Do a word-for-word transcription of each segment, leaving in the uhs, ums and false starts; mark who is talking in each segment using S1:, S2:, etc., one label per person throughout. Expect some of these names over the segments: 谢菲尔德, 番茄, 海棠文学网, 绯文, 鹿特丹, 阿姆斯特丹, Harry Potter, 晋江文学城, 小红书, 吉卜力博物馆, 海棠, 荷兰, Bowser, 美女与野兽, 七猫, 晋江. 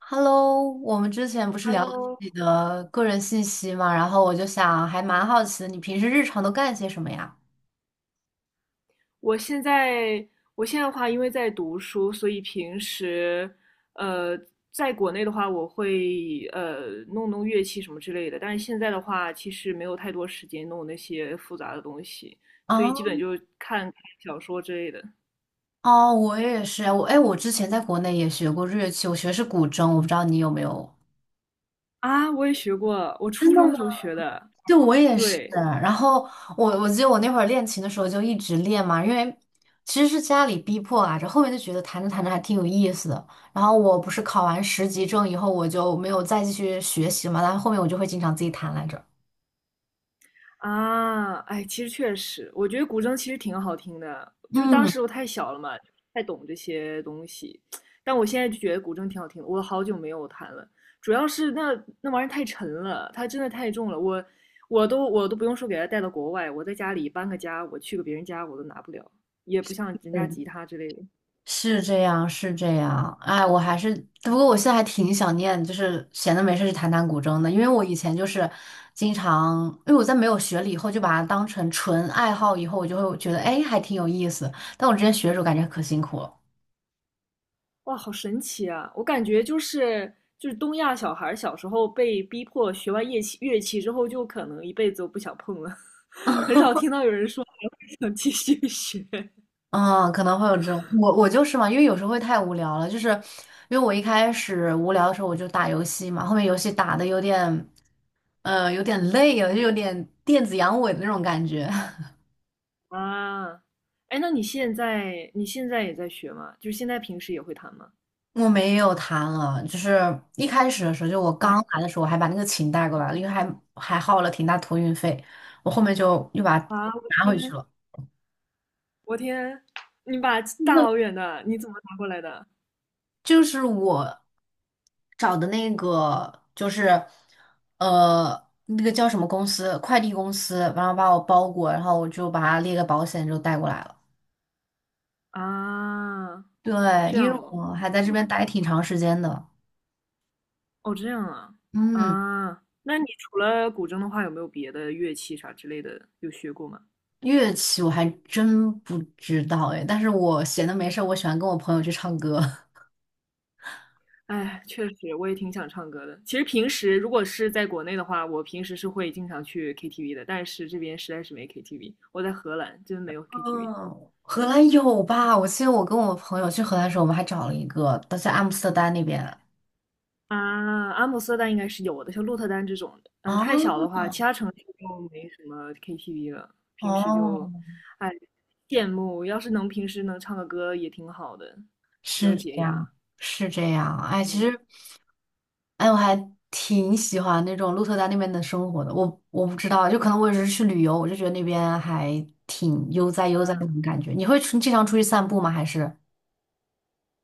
S1: Hello，我们之前不是聊了自
S2: Hello，
S1: 己的个人信息嘛，然后我就想，还蛮好奇的，你平时日常都干些什么呀？
S2: 我现在我现在的话，因为在读书，所以平时呃，在国内的话，我会呃弄弄乐器什么之类的。但是现在的话，其实没有太多时间弄那些复杂的东西，
S1: 啊，
S2: 所以基本就看看小说之类的。
S1: 哦，我也是啊，我哎，我之前在国内也学过日乐器，我学的是古筝，我不知道你有没有。
S2: 啊，我也学过，我初中的时候学的。
S1: 对，我也是。
S2: 对，
S1: 然后我我记得我那会儿练琴的时候就一直练嘛，因为其实是家里逼迫啊，这后面就觉得弹着弹着还挺有意思的。然后我不是考完十级证以后，我就没有再继续学习嘛，但后面我就会经常自己弹来着。
S2: 啊，哎，其实确实，我觉得古筝其实挺好听的，就是当时我太小了嘛，太懂这些东西。但我现在就觉得古筝挺好听的，我好久没有弹了，主要是那那玩意儿太沉了，它真的太重了，我我都我都不用说给它带到国外，我在家里搬个家，我去个别人家我都拿不了，也不像人家
S1: 嗯。
S2: 吉他之类的。
S1: 是这样，是这样。哎，我还是，不过我现在还挺想念，就是闲的没事去弹弹古筝的，因为我以前就是经常，因为我在没有学了以后，就把它当成纯爱好，以后我就会觉得，哎，还挺有意思。但我之前学的时候感觉可辛苦了，
S2: 哇，好神奇啊！我感觉就是就是东亚小孩儿小时候被逼迫学完乐器乐器之后，就可能一辈子都不想碰了，很少听到有人说还会想 继续学
S1: 嗯，可能会有这种，我我就是嘛，因为有时候会太无聊了，就是因为我一开始无聊的时候我就打游戏嘛，后面游戏打的有点，呃，有点累了，就有点电子阳痿的那种感觉。
S2: 啊。哎，那你现在你现在也在学吗？就是现在平时也会弹吗？
S1: 我没有弹了，就是一开始的时候，就我
S2: 哎
S1: 刚来的时候，我还把那个琴带过来了，因为还还耗了挺大托运费，我后面就又把它
S2: 啊，我
S1: 拿回去
S2: 天，
S1: 了。
S2: 我天，你把大老远的你怎么拿过来的
S1: 就是我找的那个，就是呃，那个叫什么公司，快递公司，然后把我包裹，然后我就把它列个保险，就带过来了。
S2: 啊？
S1: 对，
S2: 这
S1: 因
S2: 样
S1: 为
S2: 哦，
S1: 我还在这边待挺长时间的。
S2: 哦，这样啊，
S1: 嗯，
S2: 啊，那你除了古筝的话，有没有别的乐器啥之类的有学过吗？
S1: 乐器我还真不知道哎，但是我闲的没事儿，我喜欢跟我朋友去唱歌。
S2: 哎，确实，我也挺想唱歌的。其实平时如果是在国内的话，我平时是会经常去 K T V 的，但是这边实在是没 K T V。我在荷兰，真没有 K T V
S1: 嗯，荷兰有吧？我记得我跟我朋友去荷兰的时候，我们还找了一个，都在阿姆斯特丹那边。
S2: 啊。阿姆斯特丹应该是有的，像鹿特丹这种的，嗯、太小
S1: 啊，
S2: 的话，其他城市就没什么 K T V 了。平时
S1: 哦，
S2: 就，哎，羡慕，要是能平时能唱个歌也挺好的，比
S1: 是
S2: 较解
S1: 这样，
S2: 压。
S1: 是这样。哎，其
S2: 嗯。
S1: 实，哎，我还挺喜欢那种鹿特丹那边的生活的。我我不知道，就可能我只是去旅游，我就觉得那边还挺悠哉悠哉那种感觉。你会出经常出去散步吗？还是？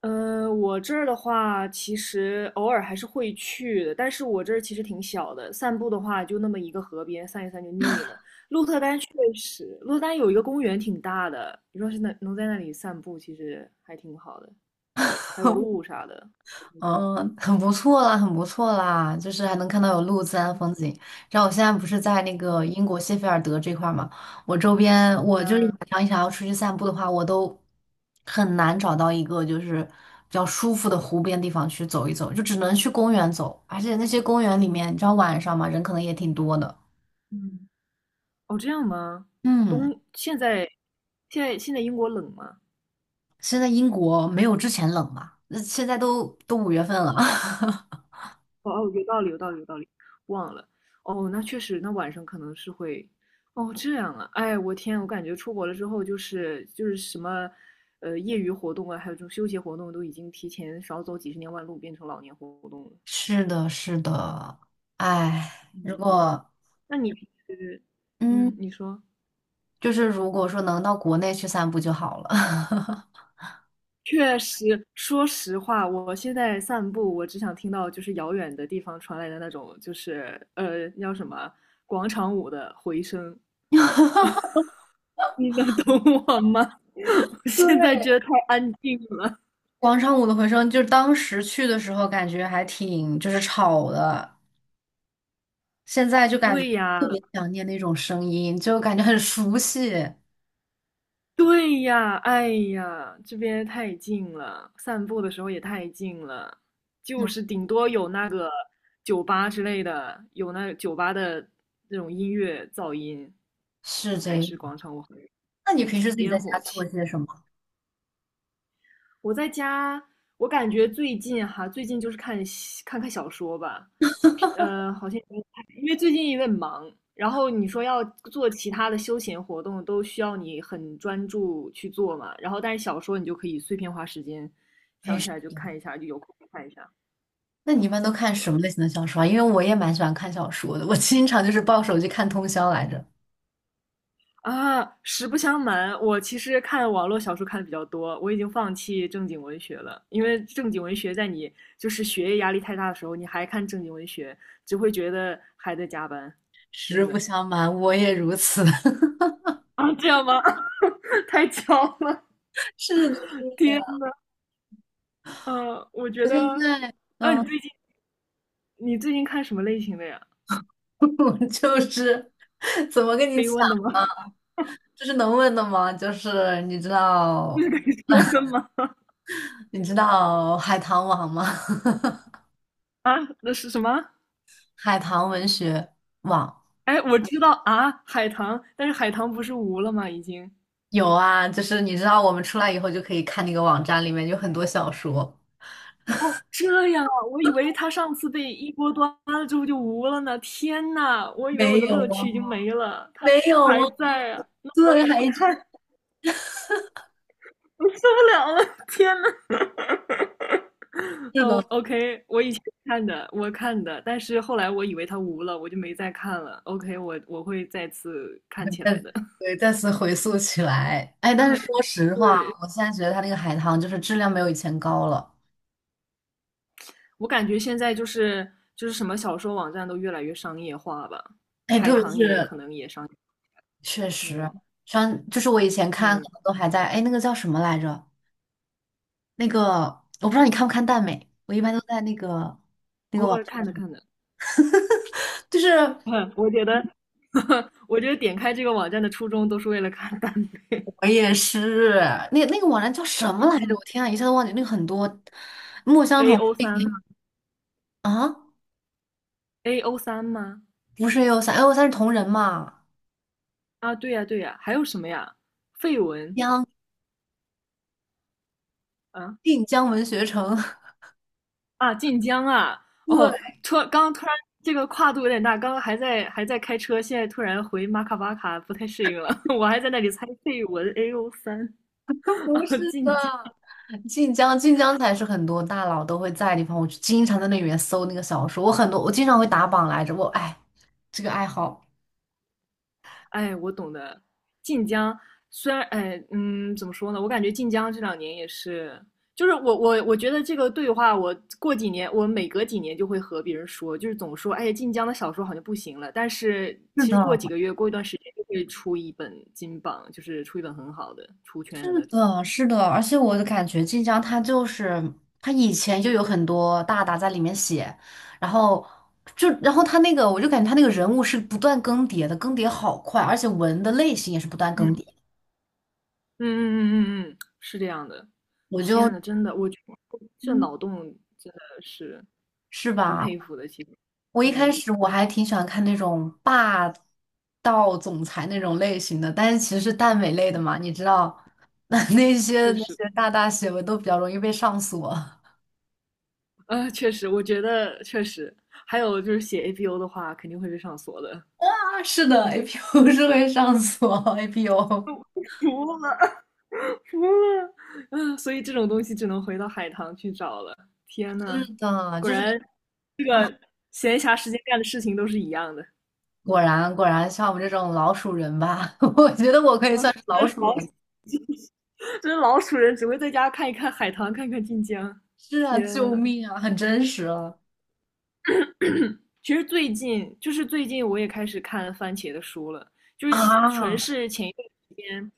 S2: 呃，我这儿的话，其实偶尔还是会去的，但是我这儿其实挺小的，散步的话就那么一个河边，散一散就腻了。鹿特丹确实，鹿特丹有一个公园挺大的，你说是能能在那里散步，其实还挺好的，还有鹿 啥的。
S1: 嗯，很不错啦，很不错啦，就是还能看到有路自然风景。然后我现在不是在那个
S2: 嗯
S1: 英国谢菲尔德这块儿嘛，我周边我就是
S2: 啊，
S1: 晚上想要出去散步的话，我都很难找到一个就是比较舒服的湖边地方去走一走，就只能去公园走。而且那些公园里面，你知道晚上嘛，人可能也挺多的。
S2: 嗯，哦，这样吗？
S1: 嗯，
S2: 冬，现在现在现在英国冷吗？
S1: 现在英国没有之前冷吧？那现在都都五月份了。
S2: 哦哦，有道理，有道理，有道理，忘了。哦，那确实，那晚上可能是会，哦，这样啊，哎，我天，我感觉出国了之后，就是就是什么，呃，业余活动啊，还有这种休闲活动，都已经提前少走几十年弯路，变成老年活动了。
S1: 是的，是的，哎，如
S2: 嗯，
S1: 果。
S2: 那你平时，嗯，
S1: 嗯。
S2: 你说。
S1: 就是如果说能到国内去散步就好了。
S2: 确实，说实话，我现在散步，我只想听到就是遥远的地方传来的那种，就是呃，那叫什么广场舞的回声。你能懂我吗？我
S1: 对，
S2: 现在觉得太安静了。
S1: 广场舞的回声，就是当时去的时候感觉还挺就是吵的，现在就感觉
S2: 对
S1: 特
S2: 呀，
S1: 别想念那种声音，就感觉很熟悉。
S2: 对呀，哎呀，这边太近了，散步的时候也太近了，就
S1: 嗯，
S2: 是顶多有那个酒吧之类的，有那酒吧的那种音乐噪音，
S1: 是这
S2: 还
S1: 样。
S2: 是广场舞
S1: 那你平时自己
S2: 烟
S1: 在家
S2: 火
S1: 做
S2: 气。
S1: 些什么？
S2: 我在家，我感觉最近哈，最近就是看看看小说吧，呃，好像因为最近有点忙，然后你说要做其他的休闲活动，都需要你很专注去做嘛，然后但是小说你就可以碎片化时间，
S1: 平
S2: 想起
S1: 时，
S2: 来就看一下，就有空就看一下，
S1: 那你一般都看
S2: 是
S1: 什
S2: 吧？
S1: 么类型的小说啊？因为我也蛮喜欢看小说的，我经常就是抱手机看通宵来着。
S2: 啊，实不相瞒，我其实看网络小说看的比较多，我已经放弃正经文学了，因为正经文学在你就是学业压力太大的时候，你还看正经文学，只会觉得还在加班，
S1: 实
S2: 真
S1: 不
S2: 的。
S1: 相瞒，我也如此。
S2: 啊，这样吗？太巧了，
S1: 是的，是
S2: 天
S1: 的。
S2: 呐，呃，我觉
S1: 我
S2: 得，
S1: 现在，
S2: 啊，你
S1: 嗯，
S2: 最近你最近看什么类型的呀？
S1: 我就是。怎么跟
S2: 可
S1: 你
S2: 以
S1: 讲？
S2: 问的吗？
S1: 这是能问的吗？就是你知
S2: 那
S1: 道，
S2: 可以说的吗？
S1: 你知道海棠网吗？
S2: 啊，那是什么？
S1: 海棠文学网
S2: 哎，我知道啊，海棠，但是海棠不是无了吗？已经。
S1: 有啊，就是你知道我们出来以后就可以看那个网站，里面有很多小说。
S2: 哦，这样啊，我以为他上次被一锅端了之后就无了呢。天呐，我以为
S1: 没
S2: 我的
S1: 有
S2: 乐
S1: 啊，
S2: 趣已经没了，他
S1: 没有啊，
S2: 还在啊，那我也
S1: 对，还
S2: 要
S1: 一直
S2: 看，我受不了了，天呐。
S1: 是
S2: 哦
S1: 的。
S2: ，OK，我以前看的，我看的，但是后来我以为他无了，我就没再看了。OK，我我会再次看起来的。
S1: 对，再次回溯起来，哎，但
S2: 嗯，
S1: 是说实话，
S2: 对，
S1: 我现在觉得它那个海棠就是质量没有以前高了，
S2: 我感觉现在就是就是什么小说网站都越来越商业化吧，
S1: 哎，
S2: 海
S1: 特别
S2: 棠也可
S1: 是
S2: 能也商业，
S1: 确实，
S2: 嗯
S1: 像就是我以前看可
S2: 嗯，
S1: 能都还在，哎，那个叫什么来着？那个我不知道你看不看耽美，我一般都在那个那个
S2: 偶
S1: 网
S2: 尔看着
S1: 站，
S2: 看着。
S1: 就是
S2: 嗯，我觉得，我觉得点开这个网站的初衷都是为了看单飞。
S1: 我也是，那个那个网站叫什么来着？我天啊，一下子忘记。那个很多墨 香
S2: A
S1: 铜
S2: O 三吗
S1: 啊，
S2: ？A O 三吗？
S1: 不是 A O 三，A O 三是同人嘛？
S2: 啊，对呀，对呀，还有什么呀？绯文，
S1: 江
S2: 啊
S1: 晋江文学城，
S2: 啊，晋江啊！
S1: 对，
S2: 哦，突然刚突然这个跨度有点大，刚刚还在还在开车，现在突然回马卡巴卡，不太适应了。我还在那里猜绯文 A O 三
S1: 不是
S2: 啊，
S1: 的，
S2: 晋江。
S1: 晋江晋江才是很多大佬都会在的地方。我就经常在那里面搜那个小说，我很多我经常会打榜来着。我哎，这个爱好。
S2: 哎，我懂的。晋江虽然，哎，嗯，怎么说呢？我感觉晋江这两年也是，就是我我我觉得这个对话，我过几年，我每隔几年就会和别人说，就是总说，哎，晋江的小说好像不行了。但是
S1: 是
S2: 其
S1: 的。
S2: 实过几个月，过一段时间就会出一本金榜，就是出一本很好的出
S1: 是
S2: 圈的那种。
S1: 的，是的，而且我的感觉，晋江它就是它以前就有很多大大在里面写，然后就然后他那个，我就感觉他那个人物是不断更迭的，更迭好快，而且文的类型也是不断
S2: 嗯
S1: 更
S2: 嗯
S1: 迭。
S2: 嗯嗯嗯嗯，是这样的。
S1: 我
S2: 天
S1: 就，
S2: 呐，真的，我觉得这
S1: 嗯
S2: 脑洞真的是
S1: 是
S2: 挺
S1: 吧？
S2: 佩服的，其实，
S1: 我一开
S2: 嗯，
S1: 始我还挺喜欢看那种霸道总裁那种类型的，但是其实是耽美类的嘛，你知道，那那些
S2: 确
S1: 那
S2: 实。
S1: 些大大写文都比较容易被上锁。
S2: 呃，确实，我觉得确实，还有就是写 A P O 的话，肯定会被上锁的。
S1: 是的，A P O 是会上锁，A P O。
S2: 服了，服了，嗯，所以这种东西只能回到海棠去找了。天呐，
S1: 是的，
S2: 果
S1: 就是
S2: 然
S1: 啊，
S2: 闲暇时间干的事情都是一样的。
S1: 果然果然像我们这种老鼠人吧，我觉得我可以算是老
S2: 真是
S1: 鼠
S2: 老，
S1: 人
S2: 真是老鼠人只会在家看一看海棠，看看晋江。
S1: 是啊，
S2: 天
S1: 救
S2: 呐，
S1: 命啊，很真实啊
S2: 其实最近就是最近我也开始看番茄的书了，就是其纯
S1: 啊。
S2: 是前一段时间，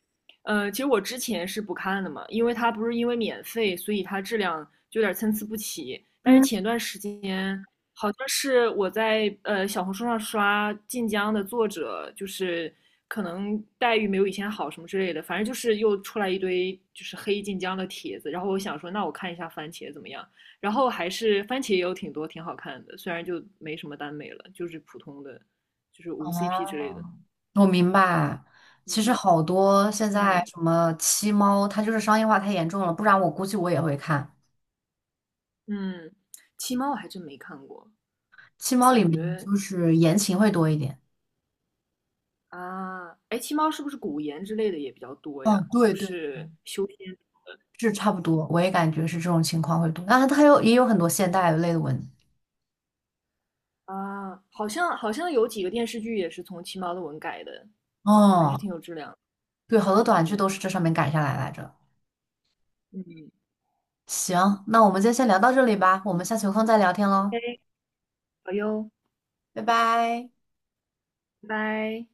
S2: 呃，其实我之前是不看的嘛，因为它不是因为免费，所以它质量就有点参差不齐。但是
S1: 嗯，
S2: 前段时间好像是我在呃小红书上刷晋江的作者，就是可能待遇没有以前好什么之类的，反正就是又出来一堆就是黑晋江的帖子，然后我想说那我看一下番茄怎么样。然后还是番茄也有挺多挺好看的，虽然就没什么耽美了，就是普通的，就是无 C P 之类的。
S1: 哦，我明白。其实
S2: 嗯
S1: 好多现在
S2: 嗯
S1: 什么七猫，它就是商业化太严重了，不然我估计我也会看。
S2: 嗯，七猫我还真没看过，
S1: 七猫里
S2: 感
S1: 面
S2: 觉
S1: 就是言情会多一点。
S2: 啊，哎，七猫是不是古言之类的也比较多呀？
S1: 嗯，
S2: 就
S1: 对对
S2: 是修仙
S1: 是差不多，我也感觉是这种情况会多。啊，它有也有很多现代类的文，
S2: 啊，好像好像有几个电视剧也是从七猫的文改的，还是
S1: 哦，
S2: 挺有质量的。
S1: 对，好多短
S2: 嗯
S1: 剧都是这上面改下来来着。
S2: 嗯，
S1: 行，那我们就先聊到这里吧，我们下次有空再聊天喽，
S2: 哎，好哟，
S1: 拜拜。
S2: 拜拜。